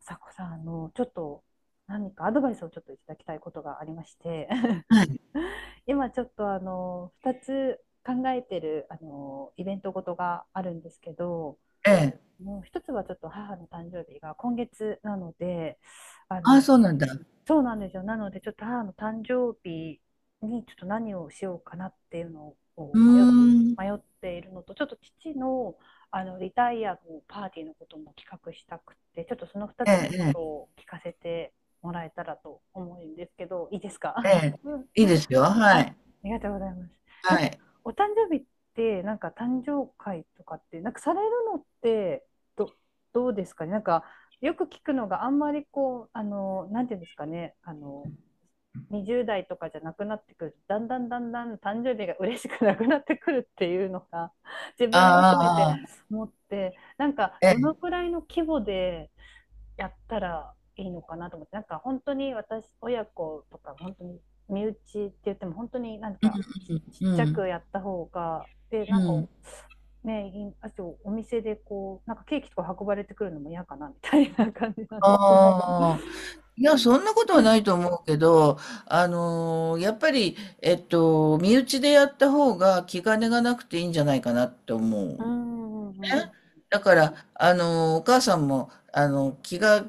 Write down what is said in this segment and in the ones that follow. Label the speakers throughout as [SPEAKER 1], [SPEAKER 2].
[SPEAKER 1] さこさん、ちょっと何かアドバイスをちょっといただきたいことがありまして
[SPEAKER 2] はい、
[SPEAKER 1] 今ちょっと2つ考えてる、イベントごとがあるんですけど、
[SPEAKER 2] ええ。
[SPEAKER 1] もう一つはちょっと母の誕生日が今月なので、あ
[SPEAKER 2] ああ、
[SPEAKER 1] の、
[SPEAKER 2] そうなんだ。
[SPEAKER 1] そうなんですよ。なので、ちょっと母の誕生日にちょっと何をしようかなっていうの
[SPEAKER 2] うー
[SPEAKER 1] を迷っ、
[SPEAKER 2] ん。
[SPEAKER 1] 迷っているのと、ちょっと父の、リタイアのパーティーのことも企画したくて、ちょっとその2つの
[SPEAKER 2] え
[SPEAKER 1] こと
[SPEAKER 2] ええ
[SPEAKER 1] を聞かせてもらえたらと思うんですけど、いいですか？
[SPEAKER 2] え、え
[SPEAKER 1] うん。
[SPEAKER 2] え。いいですよ、は
[SPEAKER 1] あ
[SPEAKER 2] い。
[SPEAKER 1] りがとうございます。な
[SPEAKER 2] は
[SPEAKER 1] んか、
[SPEAKER 2] い。
[SPEAKER 1] お誕生日って、なんか誕生会とかって、なんかされるのって、ど、どうですかね。なんか、よく聞くのがあんまりこう、なんていうんですかね、20代とかじゃなくなってくる、だんだんだんだん誕生日が嬉しくなくなってくるっていうのが自分も含めて
[SPEAKER 2] ああ
[SPEAKER 1] 思って、なんか
[SPEAKER 2] え
[SPEAKER 1] ど
[SPEAKER 2] え。
[SPEAKER 1] のくらいの規模でやったらいいのかなと思って、なんか本当に私親子とか本当に身内って言っても本当になんかちっ
[SPEAKER 2] うん
[SPEAKER 1] ちゃ
[SPEAKER 2] う
[SPEAKER 1] く
[SPEAKER 2] ん
[SPEAKER 1] やった方がで、
[SPEAKER 2] う
[SPEAKER 1] な
[SPEAKER 2] ん。
[SPEAKER 1] んか
[SPEAKER 2] うん。
[SPEAKER 1] ねい、あとお店でこうなんかケーキとか運ばれてくるのも嫌かなみたいな感じなんですけど。
[SPEAKER 2] ああ。い
[SPEAKER 1] う
[SPEAKER 2] や、そ
[SPEAKER 1] ん、
[SPEAKER 2] んなことはないと思うけど、やっぱり、身内でやった方が気兼ねがなくていいんじゃないかなって思う。
[SPEAKER 1] うん、うん、う
[SPEAKER 2] ね、
[SPEAKER 1] ん、
[SPEAKER 2] だから、お母さんも、気が、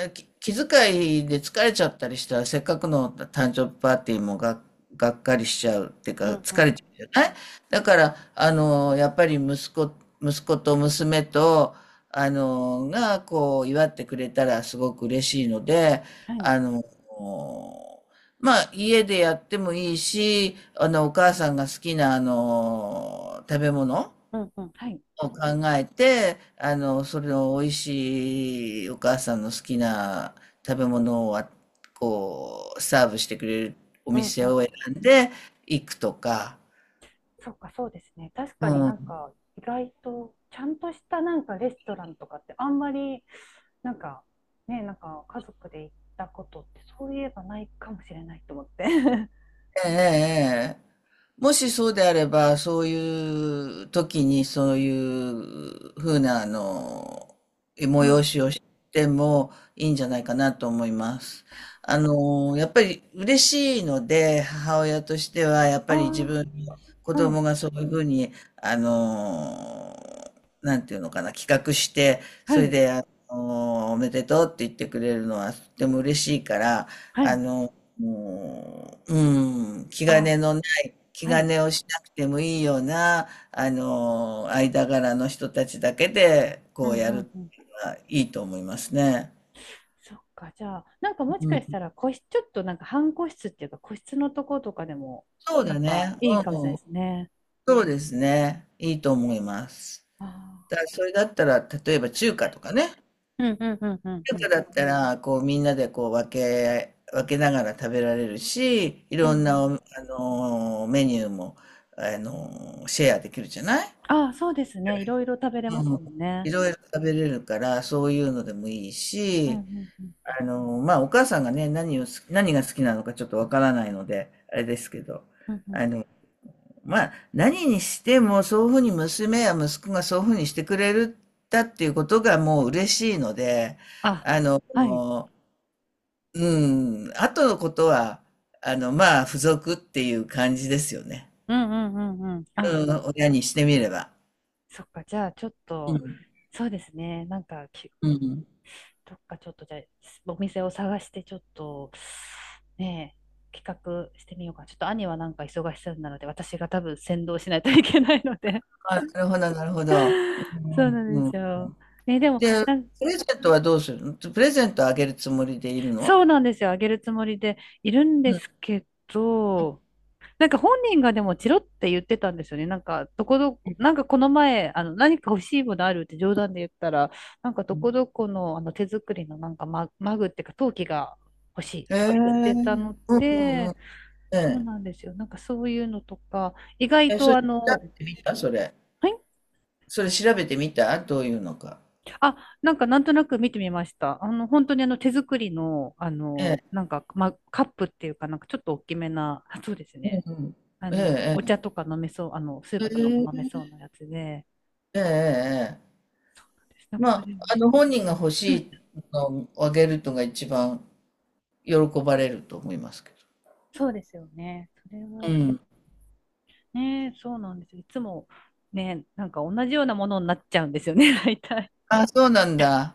[SPEAKER 2] えき気遣いで疲れちゃったりしたら、せっかくの誕生日パーティーもが、がっかりしちゃうっていうか、
[SPEAKER 1] うん、う
[SPEAKER 2] 疲
[SPEAKER 1] ん、
[SPEAKER 2] れちゃうじゃない？だから、やっぱり息子と娘と、あの、が、こう、祝ってくれたらすごく嬉しいので、
[SPEAKER 1] はい、
[SPEAKER 2] あの、家でやってもいいし、お母さんが好きな、食べ物、
[SPEAKER 1] うん、うん、はい、
[SPEAKER 2] を考えて、それの美味しいお母さんの好きな食べ物をサーブしてくれるお
[SPEAKER 1] うん、う
[SPEAKER 2] 店
[SPEAKER 1] ん。
[SPEAKER 2] を選んで行くとか、
[SPEAKER 1] そっか、そうですね。確
[SPEAKER 2] う
[SPEAKER 1] かになん
[SPEAKER 2] ん。
[SPEAKER 1] か意外とちゃんとしたなんかレストランとかってあんまりなんかね、なんか家族で行ったことってそういえばないかもしれないと思って。
[SPEAKER 2] ええ、ええ、もしそうであれば、そういう時にそういうふうな、
[SPEAKER 1] うん。
[SPEAKER 2] 催しをしてもいいんじゃないかなと思います。やっぱり嬉しいので、母親としては、やっ
[SPEAKER 1] あ
[SPEAKER 2] ぱり自分の子
[SPEAKER 1] あ、はい。
[SPEAKER 2] 供がそういうふうに、あの、なんていうのかな、企画して、
[SPEAKER 1] は
[SPEAKER 2] それ
[SPEAKER 1] い。
[SPEAKER 2] で、おめでとうって言ってくれるのはとても嬉しいから、
[SPEAKER 1] は
[SPEAKER 2] あ
[SPEAKER 1] い。
[SPEAKER 2] の、もう、うん、気兼ね
[SPEAKER 1] あ
[SPEAKER 2] のない、気
[SPEAKER 1] あ、は
[SPEAKER 2] 兼
[SPEAKER 1] い。
[SPEAKER 2] ねをしなくてもいいような、間柄の人たちだけで、
[SPEAKER 1] う
[SPEAKER 2] こ
[SPEAKER 1] ん、
[SPEAKER 2] うや
[SPEAKER 1] う
[SPEAKER 2] るっ
[SPEAKER 1] ん、うん。
[SPEAKER 2] ていうのはいいと思いますね。
[SPEAKER 1] そっか、じゃあ、なんかもし
[SPEAKER 2] う
[SPEAKER 1] か
[SPEAKER 2] ん。
[SPEAKER 1] したら個室、ちょっとなんか半個室っていうか個室のとことかでも
[SPEAKER 2] そう
[SPEAKER 1] なん
[SPEAKER 2] だ
[SPEAKER 1] か
[SPEAKER 2] ね。
[SPEAKER 1] い
[SPEAKER 2] う
[SPEAKER 1] い
[SPEAKER 2] ん。
[SPEAKER 1] かもしれないですね。
[SPEAKER 2] そうですね。いいと思います。
[SPEAKER 1] あ
[SPEAKER 2] だか
[SPEAKER 1] あ。
[SPEAKER 2] らそれだったら、例えば中華とかね。
[SPEAKER 1] うん、うん、うん、うん、
[SPEAKER 2] 中
[SPEAKER 1] う
[SPEAKER 2] 華
[SPEAKER 1] ん。
[SPEAKER 2] だったら、こうみんなでこう分けながら食べられるし、い
[SPEAKER 1] うん、
[SPEAKER 2] ろ
[SPEAKER 1] う
[SPEAKER 2] んなお、
[SPEAKER 1] ん、
[SPEAKER 2] あの、メニューも、シェアできるじゃない？
[SPEAKER 1] ああ、そうですね。いろいろ食べれま
[SPEAKER 2] う
[SPEAKER 1] す
[SPEAKER 2] ん、
[SPEAKER 1] もん
[SPEAKER 2] い
[SPEAKER 1] ね。
[SPEAKER 2] ろいろ食べれるから、そういうのでもいい
[SPEAKER 1] うん、う
[SPEAKER 2] し、
[SPEAKER 1] ん、うん。
[SPEAKER 2] お母さんがね、何が好きなのかちょっとわからないので、あれですけど、
[SPEAKER 1] うん、うん。
[SPEAKER 2] まあ、何にしても、そういうふうに娘や息子がそういうふうにしてくれるだっていうことがもう嬉しいので、
[SPEAKER 1] あ、
[SPEAKER 2] あの、
[SPEAKER 1] はい。
[SPEAKER 2] うん、あとのことは、付属っていう感じですよね。
[SPEAKER 1] うん、うん、うん、うん。あ、
[SPEAKER 2] うん、親にしてみれば。
[SPEAKER 1] そっか。じゃあ、ちょっ
[SPEAKER 2] う
[SPEAKER 1] と、
[SPEAKER 2] ん、
[SPEAKER 1] そうですね。なんか、
[SPEAKER 2] うん。
[SPEAKER 1] どっかちょっと、じゃあ、お店を探して、ちょっと、ねえ、企画してみようかな。ちょっと兄はなんか忙しそうなので、私が多分先導しないといけないので。
[SPEAKER 2] あ、なるほど、なるほど。う
[SPEAKER 1] そうな
[SPEAKER 2] ん、う
[SPEAKER 1] んで
[SPEAKER 2] ん。う
[SPEAKER 1] す
[SPEAKER 2] ん。
[SPEAKER 1] よ。ね、でも、
[SPEAKER 2] で、
[SPEAKER 1] なん、
[SPEAKER 2] プレゼントはどうするの？プレゼントあげるつもりでいるの？
[SPEAKER 1] そうなんですよ。あげるつもりでいるんで
[SPEAKER 2] うん。
[SPEAKER 1] すけど、なんか本人がでもチロって言ってたんですよね。なんか、どこどこ、なんかこの前、何か欲しいものあるって冗談で言ったら、なんかどこどこの、手作りのなんかマグっていうか陶器が欲しい
[SPEAKER 2] へ
[SPEAKER 1] と
[SPEAKER 2] え。う
[SPEAKER 1] か言ってた
[SPEAKER 2] ん
[SPEAKER 1] の
[SPEAKER 2] うんう
[SPEAKER 1] で、
[SPEAKER 2] ん。
[SPEAKER 1] そう
[SPEAKER 2] え
[SPEAKER 1] なんですよ。なんかそういうのとか、意
[SPEAKER 2] え。
[SPEAKER 1] 外
[SPEAKER 2] え、そ
[SPEAKER 1] と
[SPEAKER 2] れ調べてみた？それ。
[SPEAKER 1] はい。
[SPEAKER 2] それ調べてみた？どういうのか。
[SPEAKER 1] あ、なんかなんとなく見てみました。本当に手作りの、
[SPEAKER 2] ええ。
[SPEAKER 1] なんか、ま、カップっていうかなんかちょっと大きめな、そうです
[SPEAKER 2] う
[SPEAKER 1] ね。
[SPEAKER 2] んうん。え
[SPEAKER 1] お
[SPEAKER 2] え
[SPEAKER 1] 茶とか飲めそう、スー
[SPEAKER 2] ええ。
[SPEAKER 1] プとか
[SPEAKER 2] へ
[SPEAKER 1] も飲め
[SPEAKER 2] え。
[SPEAKER 1] そうなやつで、
[SPEAKER 2] ええええええ。
[SPEAKER 1] なんか
[SPEAKER 2] ま
[SPEAKER 1] そ
[SPEAKER 2] あ、
[SPEAKER 1] れ、
[SPEAKER 2] 本人が欲しいのをあげるのが一番喜ばれると思いますけど。
[SPEAKER 1] そうですよね。それ
[SPEAKER 2] う
[SPEAKER 1] を、
[SPEAKER 2] ん。
[SPEAKER 1] ね、そうなんですよ。いつも、ね、なんか同じようなものになっちゃうんですよね、大体。
[SPEAKER 2] あ、そうなんだ。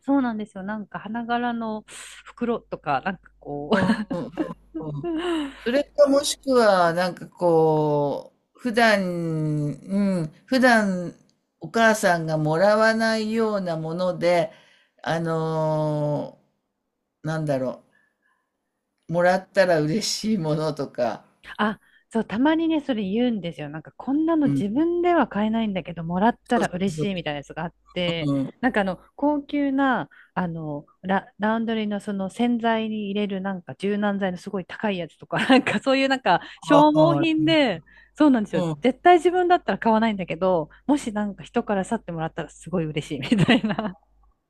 [SPEAKER 1] そうなんですよ。なんか花柄の袋とか、なんかこ
[SPEAKER 2] う
[SPEAKER 1] う。
[SPEAKER 2] んうんうんうん。それかもしくは、こう、普段、うん、普段お母さんがもらわないようなもので、あのなんだろう、もらったら嬉しいものとか。
[SPEAKER 1] あ、そう、たまにね、それ言うんですよ。なんか、こんなの
[SPEAKER 2] うん。
[SPEAKER 1] 自分では買えないんだけど、もらった
[SPEAKER 2] そう
[SPEAKER 1] ら嬉
[SPEAKER 2] そう
[SPEAKER 1] しいみたいな
[SPEAKER 2] そ
[SPEAKER 1] やつがあって、
[SPEAKER 2] う。うん。
[SPEAKER 1] なんか高級な、ラウンドリーのその洗剤に入れるなんか柔軟剤のすごい高いやつとか、なんかそういうなんか
[SPEAKER 2] あ
[SPEAKER 1] 消耗
[SPEAKER 2] あ、
[SPEAKER 1] 品で、そうなんです
[SPEAKER 2] う
[SPEAKER 1] よ。
[SPEAKER 2] ん。
[SPEAKER 1] 絶対自分だったら買わないんだけど、もしなんか人から去ってもらったらすごい嬉しいみたいな。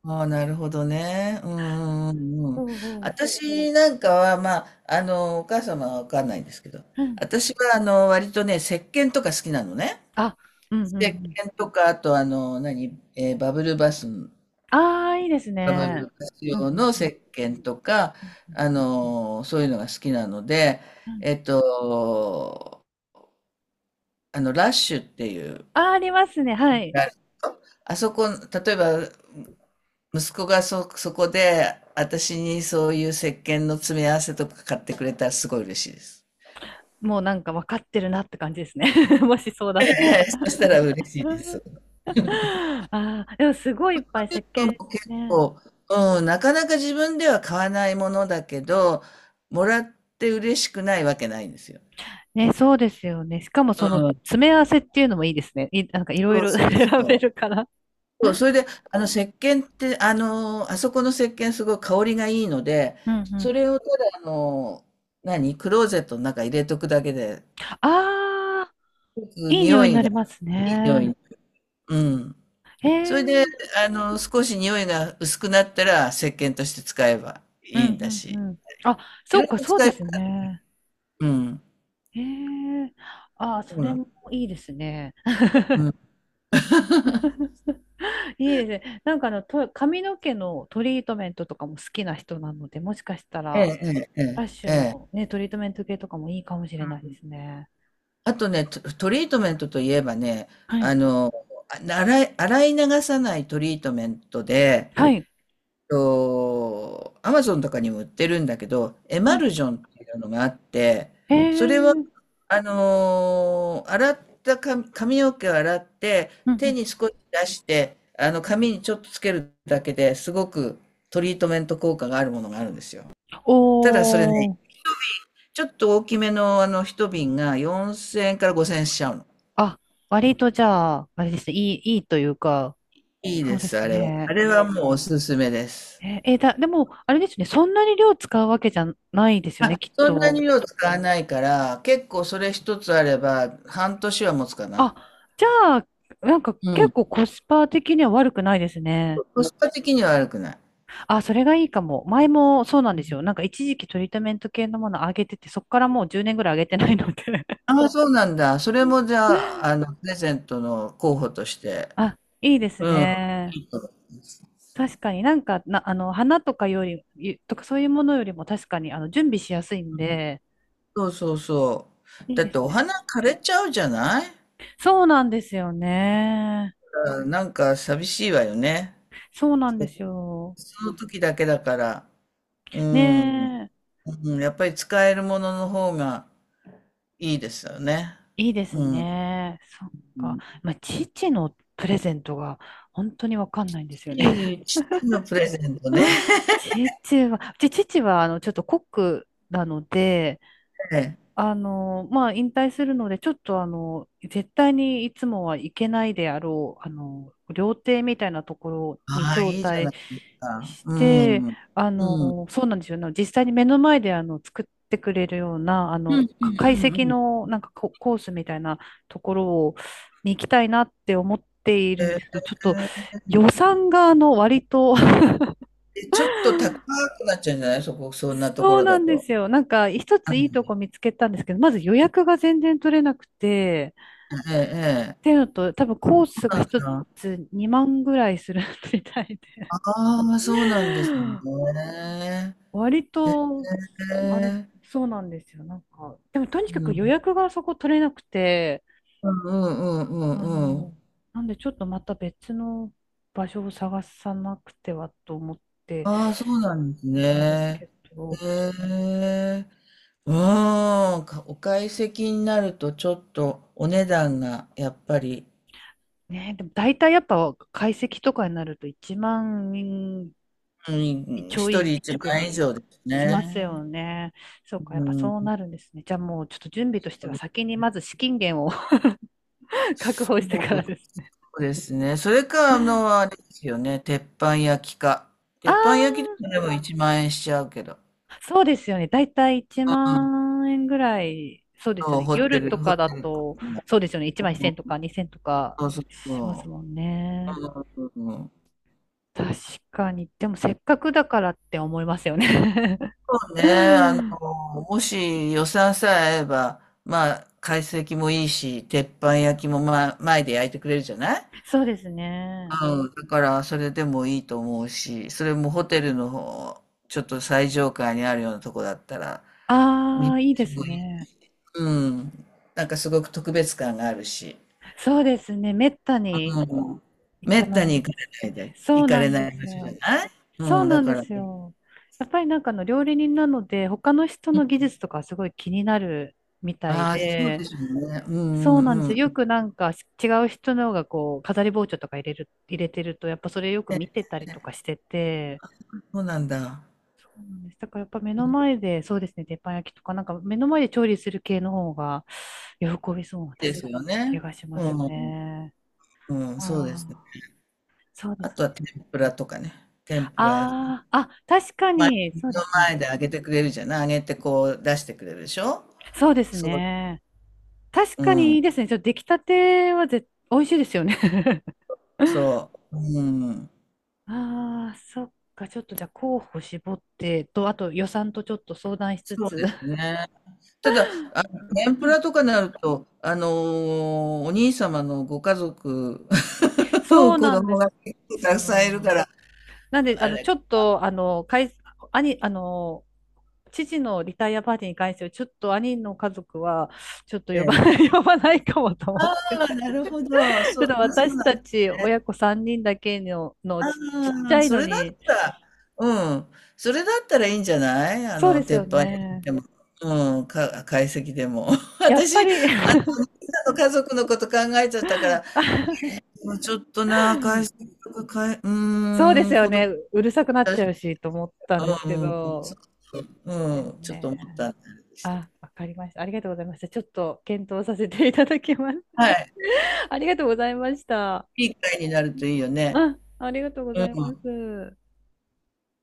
[SPEAKER 2] ああ、なるほどね。うんうんうんう
[SPEAKER 1] う
[SPEAKER 2] ん。
[SPEAKER 1] ん、うん。
[SPEAKER 2] 私なんかは、まあ、お母様はわかんないんですけど、
[SPEAKER 1] うん、
[SPEAKER 2] 私は、割とね、石鹸とか好きなのね。
[SPEAKER 1] あ、うん、うん、う
[SPEAKER 2] 石
[SPEAKER 1] ん。
[SPEAKER 2] 鹸とか、あとあの、何、えー
[SPEAKER 1] ああ、いいです
[SPEAKER 2] バブ
[SPEAKER 1] ね。
[SPEAKER 2] ルバス
[SPEAKER 1] うん、う
[SPEAKER 2] 用
[SPEAKER 1] ん、
[SPEAKER 2] の
[SPEAKER 1] う
[SPEAKER 2] 石
[SPEAKER 1] ん。
[SPEAKER 2] 鹸とか、
[SPEAKER 1] うん、
[SPEAKER 2] そういうのが好きなので、
[SPEAKER 1] うん、
[SPEAKER 2] えっと、ラッシュっていう、
[SPEAKER 1] あ、ありますね。はい。
[SPEAKER 2] あそこ、例えば、息子がそこで、私にそういう石鹸の詰め合わせとか買ってくれたらすごい嬉しいです。
[SPEAKER 1] もうなんか分かってるなって感じですね。もしそうだと。
[SPEAKER 2] そしたら嬉しいです。
[SPEAKER 1] ああ、でもすごいいっぱい
[SPEAKER 2] ュ
[SPEAKER 1] 石
[SPEAKER 2] ートも
[SPEAKER 1] 鹸
[SPEAKER 2] 結
[SPEAKER 1] ね。
[SPEAKER 2] 構、うん、なかなか自分では買わないものだけど、もらって嬉しくないわけないんですよ。
[SPEAKER 1] ね、そうですよね。しかも
[SPEAKER 2] う
[SPEAKER 1] その
[SPEAKER 2] ん、
[SPEAKER 1] 詰め合わせっていうのもいいですね。なんかいろい
[SPEAKER 2] そう
[SPEAKER 1] ろ
[SPEAKER 2] そ
[SPEAKER 1] 選
[SPEAKER 2] うそ
[SPEAKER 1] べ
[SPEAKER 2] う。
[SPEAKER 1] るから。
[SPEAKER 2] そう、それで、石鹸って、あそこの石鹸すごい香りがいいので、
[SPEAKER 1] うん、うん。
[SPEAKER 2] それをただ、クローゼットの中入れとくだけで、
[SPEAKER 1] ああ、いい匂
[SPEAKER 2] 匂
[SPEAKER 1] いに
[SPEAKER 2] い
[SPEAKER 1] な
[SPEAKER 2] が、
[SPEAKER 1] ります
[SPEAKER 2] いい匂
[SPEAKER 1] ね。
[SPEAKER 2] い。うん。
[SPEAKER 1] へ
[SPEAKER 2] それで、
[SPEAKER 1] え。
[SPEAKER 2] 少し匂いが薄くなったら、石鹸として使えば
[SPEAKER 1] う
[SPEAKER 2] いいんだ
[SPEAKER 1] ん、う
[SPEAKER 2] し、
[SPEAKER 1] ん、うん。あ、
[SPEAKER 2] い
[SPEAKER 1] そ
[SPEAKER 2] ろ
[SPEAKER 1] う
[SPEAKER 2] いろ
[SPEAKER 1] か、そう
[SPEAKER 2] 使
[SPEAKER 1] で
[SPEAKER 2] えば、
[SPEAKER 1] すね。
[SPEAKER 2] うん。
[SPEAKER 1] へえ。ああ、
[SPEAKER 2] そ
[SPEAKER 1] そ
[SPEAKER 2] うな
[SPEAKER 1] れ
[SPEAKER 2] の。
[SPEAKER 1] もいいですね。いいですね。なんか髪の毛のトリートメントとかも好きな人なので、もしかした
[SPEAKER 2] ええ、
[SPEAKER 1] ら、
[SPEAKER 2] ええ、え
[SPEAKER 1] ラッ
[SPEAKER 2] え。
[SPEAKER 1] シュのね、トリートメント系とかもいいかもしれないですね。
[SPEAKER 2] あとね、トリートメントといえばね、
[SPEAKER 1] はい。
[SPEAKER 2] あの、洗い流さないトリートメントで、
[SPEAKER 1] はい。
[SPEAKER 2] アマゾンとかにも売ってるんだけど、エ
[SPEAKER 1] は
[SPEAKER 2] マ
[SPEAKER 1] い。
[SPEAKER 2] ルジョンっていうのがあって、
[SPEAKER 1] え
[SPEAKER 2] それは、
[SPEAKER 1] ー、
[SPEAKER 2] 洗った髪の毛を洗って、
[SPEAKER 1] うん、う
[SPEAKER 2] 手に
[SPEAKER 1] ん。
[SPEAKER 2] 少し出して、髪にちょっとつけるだけですごくトリートメント効果があるものがあるんですよ。ただそれね、
[SPEAKER 1] おー。
[SPEAKER 2] ちょっと大きめの一瓶が4000円から5000円しちゃうの。
[SPEAKER 1] あ、割とじゃあ、あれですね。いいというか、
[SPEAKER 2] いい
[SPEAKER 1] そう
[SPEAKER 2] で
[SPEAKER 1] で
[SPEAKER 2] す、
[SPEAKER 1] す
[SPEAKER 2] あれは。あ
[SPEAKER 1] ね。
[SPEAKER 2] れはもうおすすめです。
[SPEAKER 1] えーえーだ、でも、あれですね。そんなに量使うわけじゃないですよね、きっ
[SPEAKER 2] そんなに
[SPEAKER 1] と。
[SPEAKER 2] 量使わないから、結構それ一つあれば半年は持つかな。
[SPEAKER 1] あ、じゃあ、なんか
[SPEAKER 2] う
[SPEAKER 1] 結
[SPEAKER 2] ん。
[SPEAKER 1] 構コスパ的には悪くないですね。
[SPEAKER 2] コスパ的には悪くない。
[SPEAKER 1] あ、それがいいかも。前もそうなんですよ。なんか一時期トリートメント系のもの上げてて、そこからもう10年ぐらい上げてないので。
[SPEAKER 2] ああ、そうなんだ。それもじゃあ、プレゼントの候補として。
[SPEAKER 1] あ、いいです
[SPEAKER 2] うん。
[SPEAKER 1] ね。確かになんか、花とかより、とかそういうものよりも確かに、準備しやすいんで、
[SPEAKER 2] そうそうそう。
[SPEAKER 1] いい
[SPEAKER 2] だっ
[SPEAKER 1] で
[SPEAKER 2] て
[SPEAKER 1] す
[SPEAKER 2] お
[SPEAKER 1] ね。
[SPEAKER 2] 花枯れちゃうじゃない？
[SPEAKER 1] そうなんですよね。
[SPEAKER 2] うん、なんか寂しいわよね。
[SPEAKER 1] そうなんですよ。
[SPEAKER 2] その時だけだから。う
[SPEAKER 1] ね
[SPEAKER 2] ん。
[SPEAKER 1] え、
[SPEAKER 2] うん、やっぱり使えるものの方がいいですよね。
[SPEAKER 1] いいです
[SPEAKER 2] うん。
[SPEAKER 1] ね。そっ
[SPEAKER 2] う
[SPEAKER 1] か。
[SPEAKER 2] ん。
[SPEAKER 1] まあ、父のプレゼントが本当にわかんないんですよね。
[SPEAKER 2] いい父のプレゼントね。
[SPEAKER 1] 父は、ちょっとコックなので、
[SPEAKER 2] ええ。
[SPEAKER 1] まあ、引退するので、ちょっと、絶対にいつもは行けないであろう、料亭みたいなところに
[SPEAKER 2] ああ、
[SPEAKER 1] 招
[SPEAKER 2] いいじゃ
[SPEAKER 1] 待
[SPEAKER 2] ないですか。
[SPEAKER 1] し
[SPEAKER 2] う
[SPEAKER 1] て、
[SPEAKER 2] ん。うん。うん
[SPEAKER 1] そうなんですよね。実際に目の前で、作ってくれるような、
[SPEAKER 2] うんう
[SPEAKER 1] か懐
[SPEAKER 2] んう
[SPEAKER 1] 石
[SPEAKER 2] ん。
[SPEAKER 1] の、なんかコースみたいなところを、に行きたいなって思っているんで
[SPEAKER 2] え。
[SPEAKER 1] すけど、ちょっと、予算が、割と、
[SPEAKER 2] え、ちょっと高くなっちゃうんじゃない？そこ、そんなとこ
[SPEAKER 1] そう
[SPEAKER 2] ろ
[SPEAKER 1] な
[SPEAKER 2] だ
[SPEAKER 1] んで
[SPEAKER 2] と。
[SPEAKER 1] すよ。なんか、一ついいとこ見つけたんですけど、まず予約が全然取れなくて、
[SPEAKER 2] えええ
[SPEAKER 1] っ
[SPEAKER 2] え。
[SPEAKER 1] ていうのと、多分コー
[SPEAKER 2] そ
[SPEAKER 1] スが一
[SPEAKER 2] うなんだ。
[SPEAKER 1] つ2万ぐらいする みたいで、
[SPEAKER 2] ああ、そうなんですね。
[SPEAKER 1] 割と、あれ、
[SPEAKER 2] ええ。
[SPEAKER 1] そうなんですよ。なんか、でもとにか
[SPEAKER 2] う
[SPEAKER 1] く予
[SPEAKER 2] ん。
[SPEAKER 1] 約がそこ取れなくて、
[SPEAKER 2] うんうんうんう
[SPEAKER 1] あ
[SPEAKER 2] んう
[SPEAKER 1] の、
[SPEAKER 2] ん。
[SPEAKER 1] なんでちょっとまた別の場所を探さなくてはと思って
[SPEAKER 2] ああ、そうなんです
[SPEAKER 1] いるんです
[SPEAKER 2] ね。
[SPEAKER 1] けど、
[SPEAKER 2] へえ。うーん、お懐石になるとちょっとお値段がやっぱり、
[SPEAKER 1] ね、でも大体やっぱ解析とかになると1万
[SPEAKER 2] うん、
[SPEAKER 1] ち
[SPEAKER 2] 一
[SPEAKER 1] ょ
[SPEAKER 2] 人
[SPEAKER 1] い
[SPEAKER 2] 一
[SPEAKER 1] ぐ
[SPEAKER 2] 万
[SPEAKER 1] ら
[SPEAKER 2] 円以
[SPEAKER 1] い
[SPEAKER 2] 上です
[SPEAKER 1] しますよ
[SPEAKER 2] ね。
[SPEAKER 1] ね。そうか、や
[SPEAKER 2] う
[SPEAKER 1] っぱ
[SPEAKER 2] ん、
[SPEAKER 1] そうなるんですね。じゃあもうちょっと準備とし
[SPEAKER 2] こ
[SPEAKER 1] ては
[SPEAKER 2] れ
[SPEAKER 1] 先にまず資金源を 確保
[SPEAKER 2] そ
[SPEAKER 1] してからですね。
[SPEAKER 2] うですね。それか、あれですよね。鉄板焼きか。鉄板焼きで
[SPEAKER 1] あ
[SPEAKER 2] も1万円しちゃうけど。
[SPEAKER 1] あ、そうですよね。だいたい1
[SPEAKER 2] うん、
[SPEAKER 1] 万円ぐらい、そうですよ
[SPEAKER 2] そう、
[SPEAKER 1] ね。夜と
[SPEAKER 2] ホ
[SPEAKER 1] かだ
[SPEAKER 2] テルとか
[SPEAKER 1] と、
[SPEAKER 2] も。
[SPEAKER 1] そうですよね。1万1千0と
[SPEAKER 2] う、
[SPEAKER 1] か2千0とか
[SPEAKER 2] そうそう
[SPEAKER 1] します
[SPEAKER 2] そ
[SPEAKER 1] もんね。
[SPEAKER 2] う。うん、
[SPEAKER 1] 確かに。でもせっかくだからって思いますよね。
[SPEAKER 2] ねえ、あ の、もし予算さえ合えば、まあ、懐石もいいし、鉄板焼きも、まあ、前で焼いてくれるじゃない？
[SPEAKER 1] そうですね。
[SPEAKER 2] うん、だから、それでもいいと思うし、それもホテルの方、ちょっと最上階にあるようなとこだったら、見
[SPEAKER 1] あ
[SPEAKER 2] 晴
[SPEAKER 1] あ、いい
[SPEAKER 2] ら
[SPEAKER 1] で
[SPEAKER 2] し
[SPEAKER 1] す
[SPEAKER 2] もいい。
[SPEAKER 1] ね。
[SPEAKER 2] うん。なんかすごく特別感があるし、
[SPEAKER 1] そうですね。めったに
[SPEAKER 2] うん。
[SPEAKER 1] 行
[SPEAKER 2] め
[SPEAKER 1] か
[SPEAKER 2] った
[SPEAKER 1] な
[SPEAKER 2] に
[SPEAKER 1] いですね。そ
[SPEAKER 2] 行
[SPEAKER 1] う
[SPEAKER 2] か
[SPEAKER 1] な
[SPEAKER 2] れ
[SPEAKER 1] ん
[SPEAKER 2] な
[SPEAKER 1] で
[SPEAKER 2] い
[SPEAKER 1] す
[SPEAKER 2] 場所じゃ
[SPEAKER 1] よ。
[SPEAKER 2] ない？
[SPEAKER 1] そう
[SPEAKER 2] うん、
[SPEAKER 1] な
[SPEAKER 2] だ
[SPEAKER 1] んで
[SPEAKER 2] から、
[SPEAKER 1] すよ。やっぱりなんかあの料理人なので、他の人の技術とかすごい気になるみたい
[SPEAKER 2] ああ、そうで
[SPEAKER 1] で、
[SPEAKER 2] しょうね。うん
[SPEAKER 1] そ
[SPEAKER 2] う
[SPEAKER 1] う
[SPEAKER 2] ん
[SPEAKER 1] なんです
[SPEAKER 2] う
[SPEAKER 1] よ。よ
[SPEAKER 2] ん。
[SPEAKER 1] くなんか違う人のがこう、飾り包丁とか入れてると、やっぱそれよく
[SPEAKER 2] ね
[SPEAKER 1] 見てたりと
[SPEAKER 2] ね、
[SPEAKER 1] かしてて、
[SPEAKER 2] そうなんだ。
[SPEAKER 1] そうなんです。だからやっぱ目の前で、そうですね、鉄板焼きとか、なんか目の前で調理する系の方が喜びそうな、
[SPEAKER 2] で
[SPEAKER 1] 確
[SPEAKER 2] す
[SPEAKER 1] かに
[SPEAKER 2] よ
[SPEAKER 1] 気
[SPEAKER 2] ね。
[SPEAKER 1] がしま
[SPEAKER 2] う
[SPEAKER 1] す
[SPEAKER 2] ん。
[SPEAKER 1] ね。
[SPEAKER 2] うん、そうですね。
[SPEAKER 1] ああ、そうで
[SPEAKER 2] あ
[SPEAKER 1] す
[SPEAKER 2] とは
[SPEAKER 1] ね。
[SPEAKER 2] 天ぷらとかね。天ぷら屋さん。
[SPEAKER 1] ああ、確か
[SPEAKER 2] まあ、
[SPEAKER 1] に、
[SPEAKER 2] 目
[SPEAKER 1] そうで
[SPEAKER 2] の
[SPEAKER 1] すね。
[SPEAKER 2] 前で揚げてくれるじゃない。揚げてこう出してくれるでしょ？
[SPEAKER 1] そうです
[SPEAKER 2] そ
[SPEAKER 1] ね。確
[SPEAKER 2] う。う
[SPEAKER 1] かにい
[SPEAKER 2] ん。
[SPEAKER 1] いですね。ちょっと出来たては美味しいですよね。
[SPEAKER 2] そう。うん。
[SPEAKER 1] ああ、そっか。ちょっとじゃあ候補絞ってと、あと予算とちょっと相談しつ
[SPEAKER 2] そう
[SPEAKER 1] つ。
[SPEAKER 2] ですね。ただ、天ぷらとかになると、お兄様のご家族、
[SPEAKER 1] そ
[SPEAKER 2] 子
[SPEAKER 1] うなんで
[SPEAKER 2] 供が結構
[SPEAKER 1] す
[SPEAKER 2] たくさんいるか
[SPEAKER 1] よ。
[SPEAKER 2] ら、
[SPEAKER 1] なんで、
[SPEAKER 2] あ
[SPEAKER 1] ち
[SPEAKER 2] れ、
[SPEAKER 1] ょっと、兄、父のリタイアパーティーに関しては、ちょっと兄の家族は、ちょっと呼ば
[SPEAKER 2] え
[SPEAKER 1] な
[SPEAKER 2] え。
[SPEAKER 1] い、呼ばないかもと思って。
[SPEAKER 2] ああ、なるほど。
[SPEAKER 1] ちょ
[SPEAKER 2] そ
[SPEAKER 1] っ
[SPEAKER 2] う、
[SPEAKER 1] と
[SPEAKER 2] あ、そう
[SPEAKER 1] 私
[SPEAKER 2] なん
[SPEAKER 1] た
[SPEAKER 2] です
[SPEAKER 1] ち
[SPEAKER 2] ね。
[SPEAKER 1] 親子3人だけの、ちっち
[SPEAKER 2] あ
[SPEAKER 1] ゃ
[SPEAKER 2] あ、
[SPEAKER 1] い
[SPEAKER 2] そ
[SPEAKER 1] の
[SPEAKER 2] れだっ
[SPEAKER 1] に、
[SPEAKER 2] たら、うん、それだったらいいんじゃない？
[SPEAKER 1] そうです
[SPEAKER 2] 鉄
[SPEAKER 1] よ
[SPEAKER 2] 板焼き
[SPEAKER 1] ね。
[SPEAKER 2] でも、うん、懐石でも。
[SPEAKER 1] やっぱ
[SPEAKER 2] 私、
[SPEAKER 1] り。
[SPEAKER 2] お兄さんの家族のこと考えちゃったから、うん、ちょっとな、懐石とか、う
[SPEAKER 1] そうで
[SPEAKER 2] ー
[SPEAKER 1] す
[SPEAKER 2] ん、
[SPEAKER 1] よ
[SPEAKER 2] 子
[SPEAKER 1] ね。
[SPEAKER 2] 供
[SPEAKER 1] うるさくなっ
[SPEAKER 2] た
[SPEAKER 1] ち
[SPEAKER 2] ち、
[SPEAKER 1] ゃうしと思ったんです
[SPEAKER 2] う
[SPEAKER 1] け
[SPEAKER 2] ん、うん、そ
[SPEAKER 1] ど、
[SPEAKER 2] うそう、
[SPEAKER 1] そうで
[SPEAKER 2] うん、
[SPEAKER 1] す
[SPEAKER 2] ちょっと思っ
[SPEAKER 1] ね。
[SPEAKER 2] たんでしたけ
[SPEAKER 1] あ、
[SPEAKER 2] ど。
[SPEAKER 1] わかりました。ありがとうございました。ちょっと検討させていただきます。
[SPEAKER 2] はい、
[SPEAKER 1] ありがとうございました。
[SPEAKER 2] いい会になるといいよね。
[SPEAKER 1] あ、ありがとうご
[SPEAKER 2] う
[SPEAKER 1] ざ
[SPEAKER 2] ん。
[SPEAKER 1] います。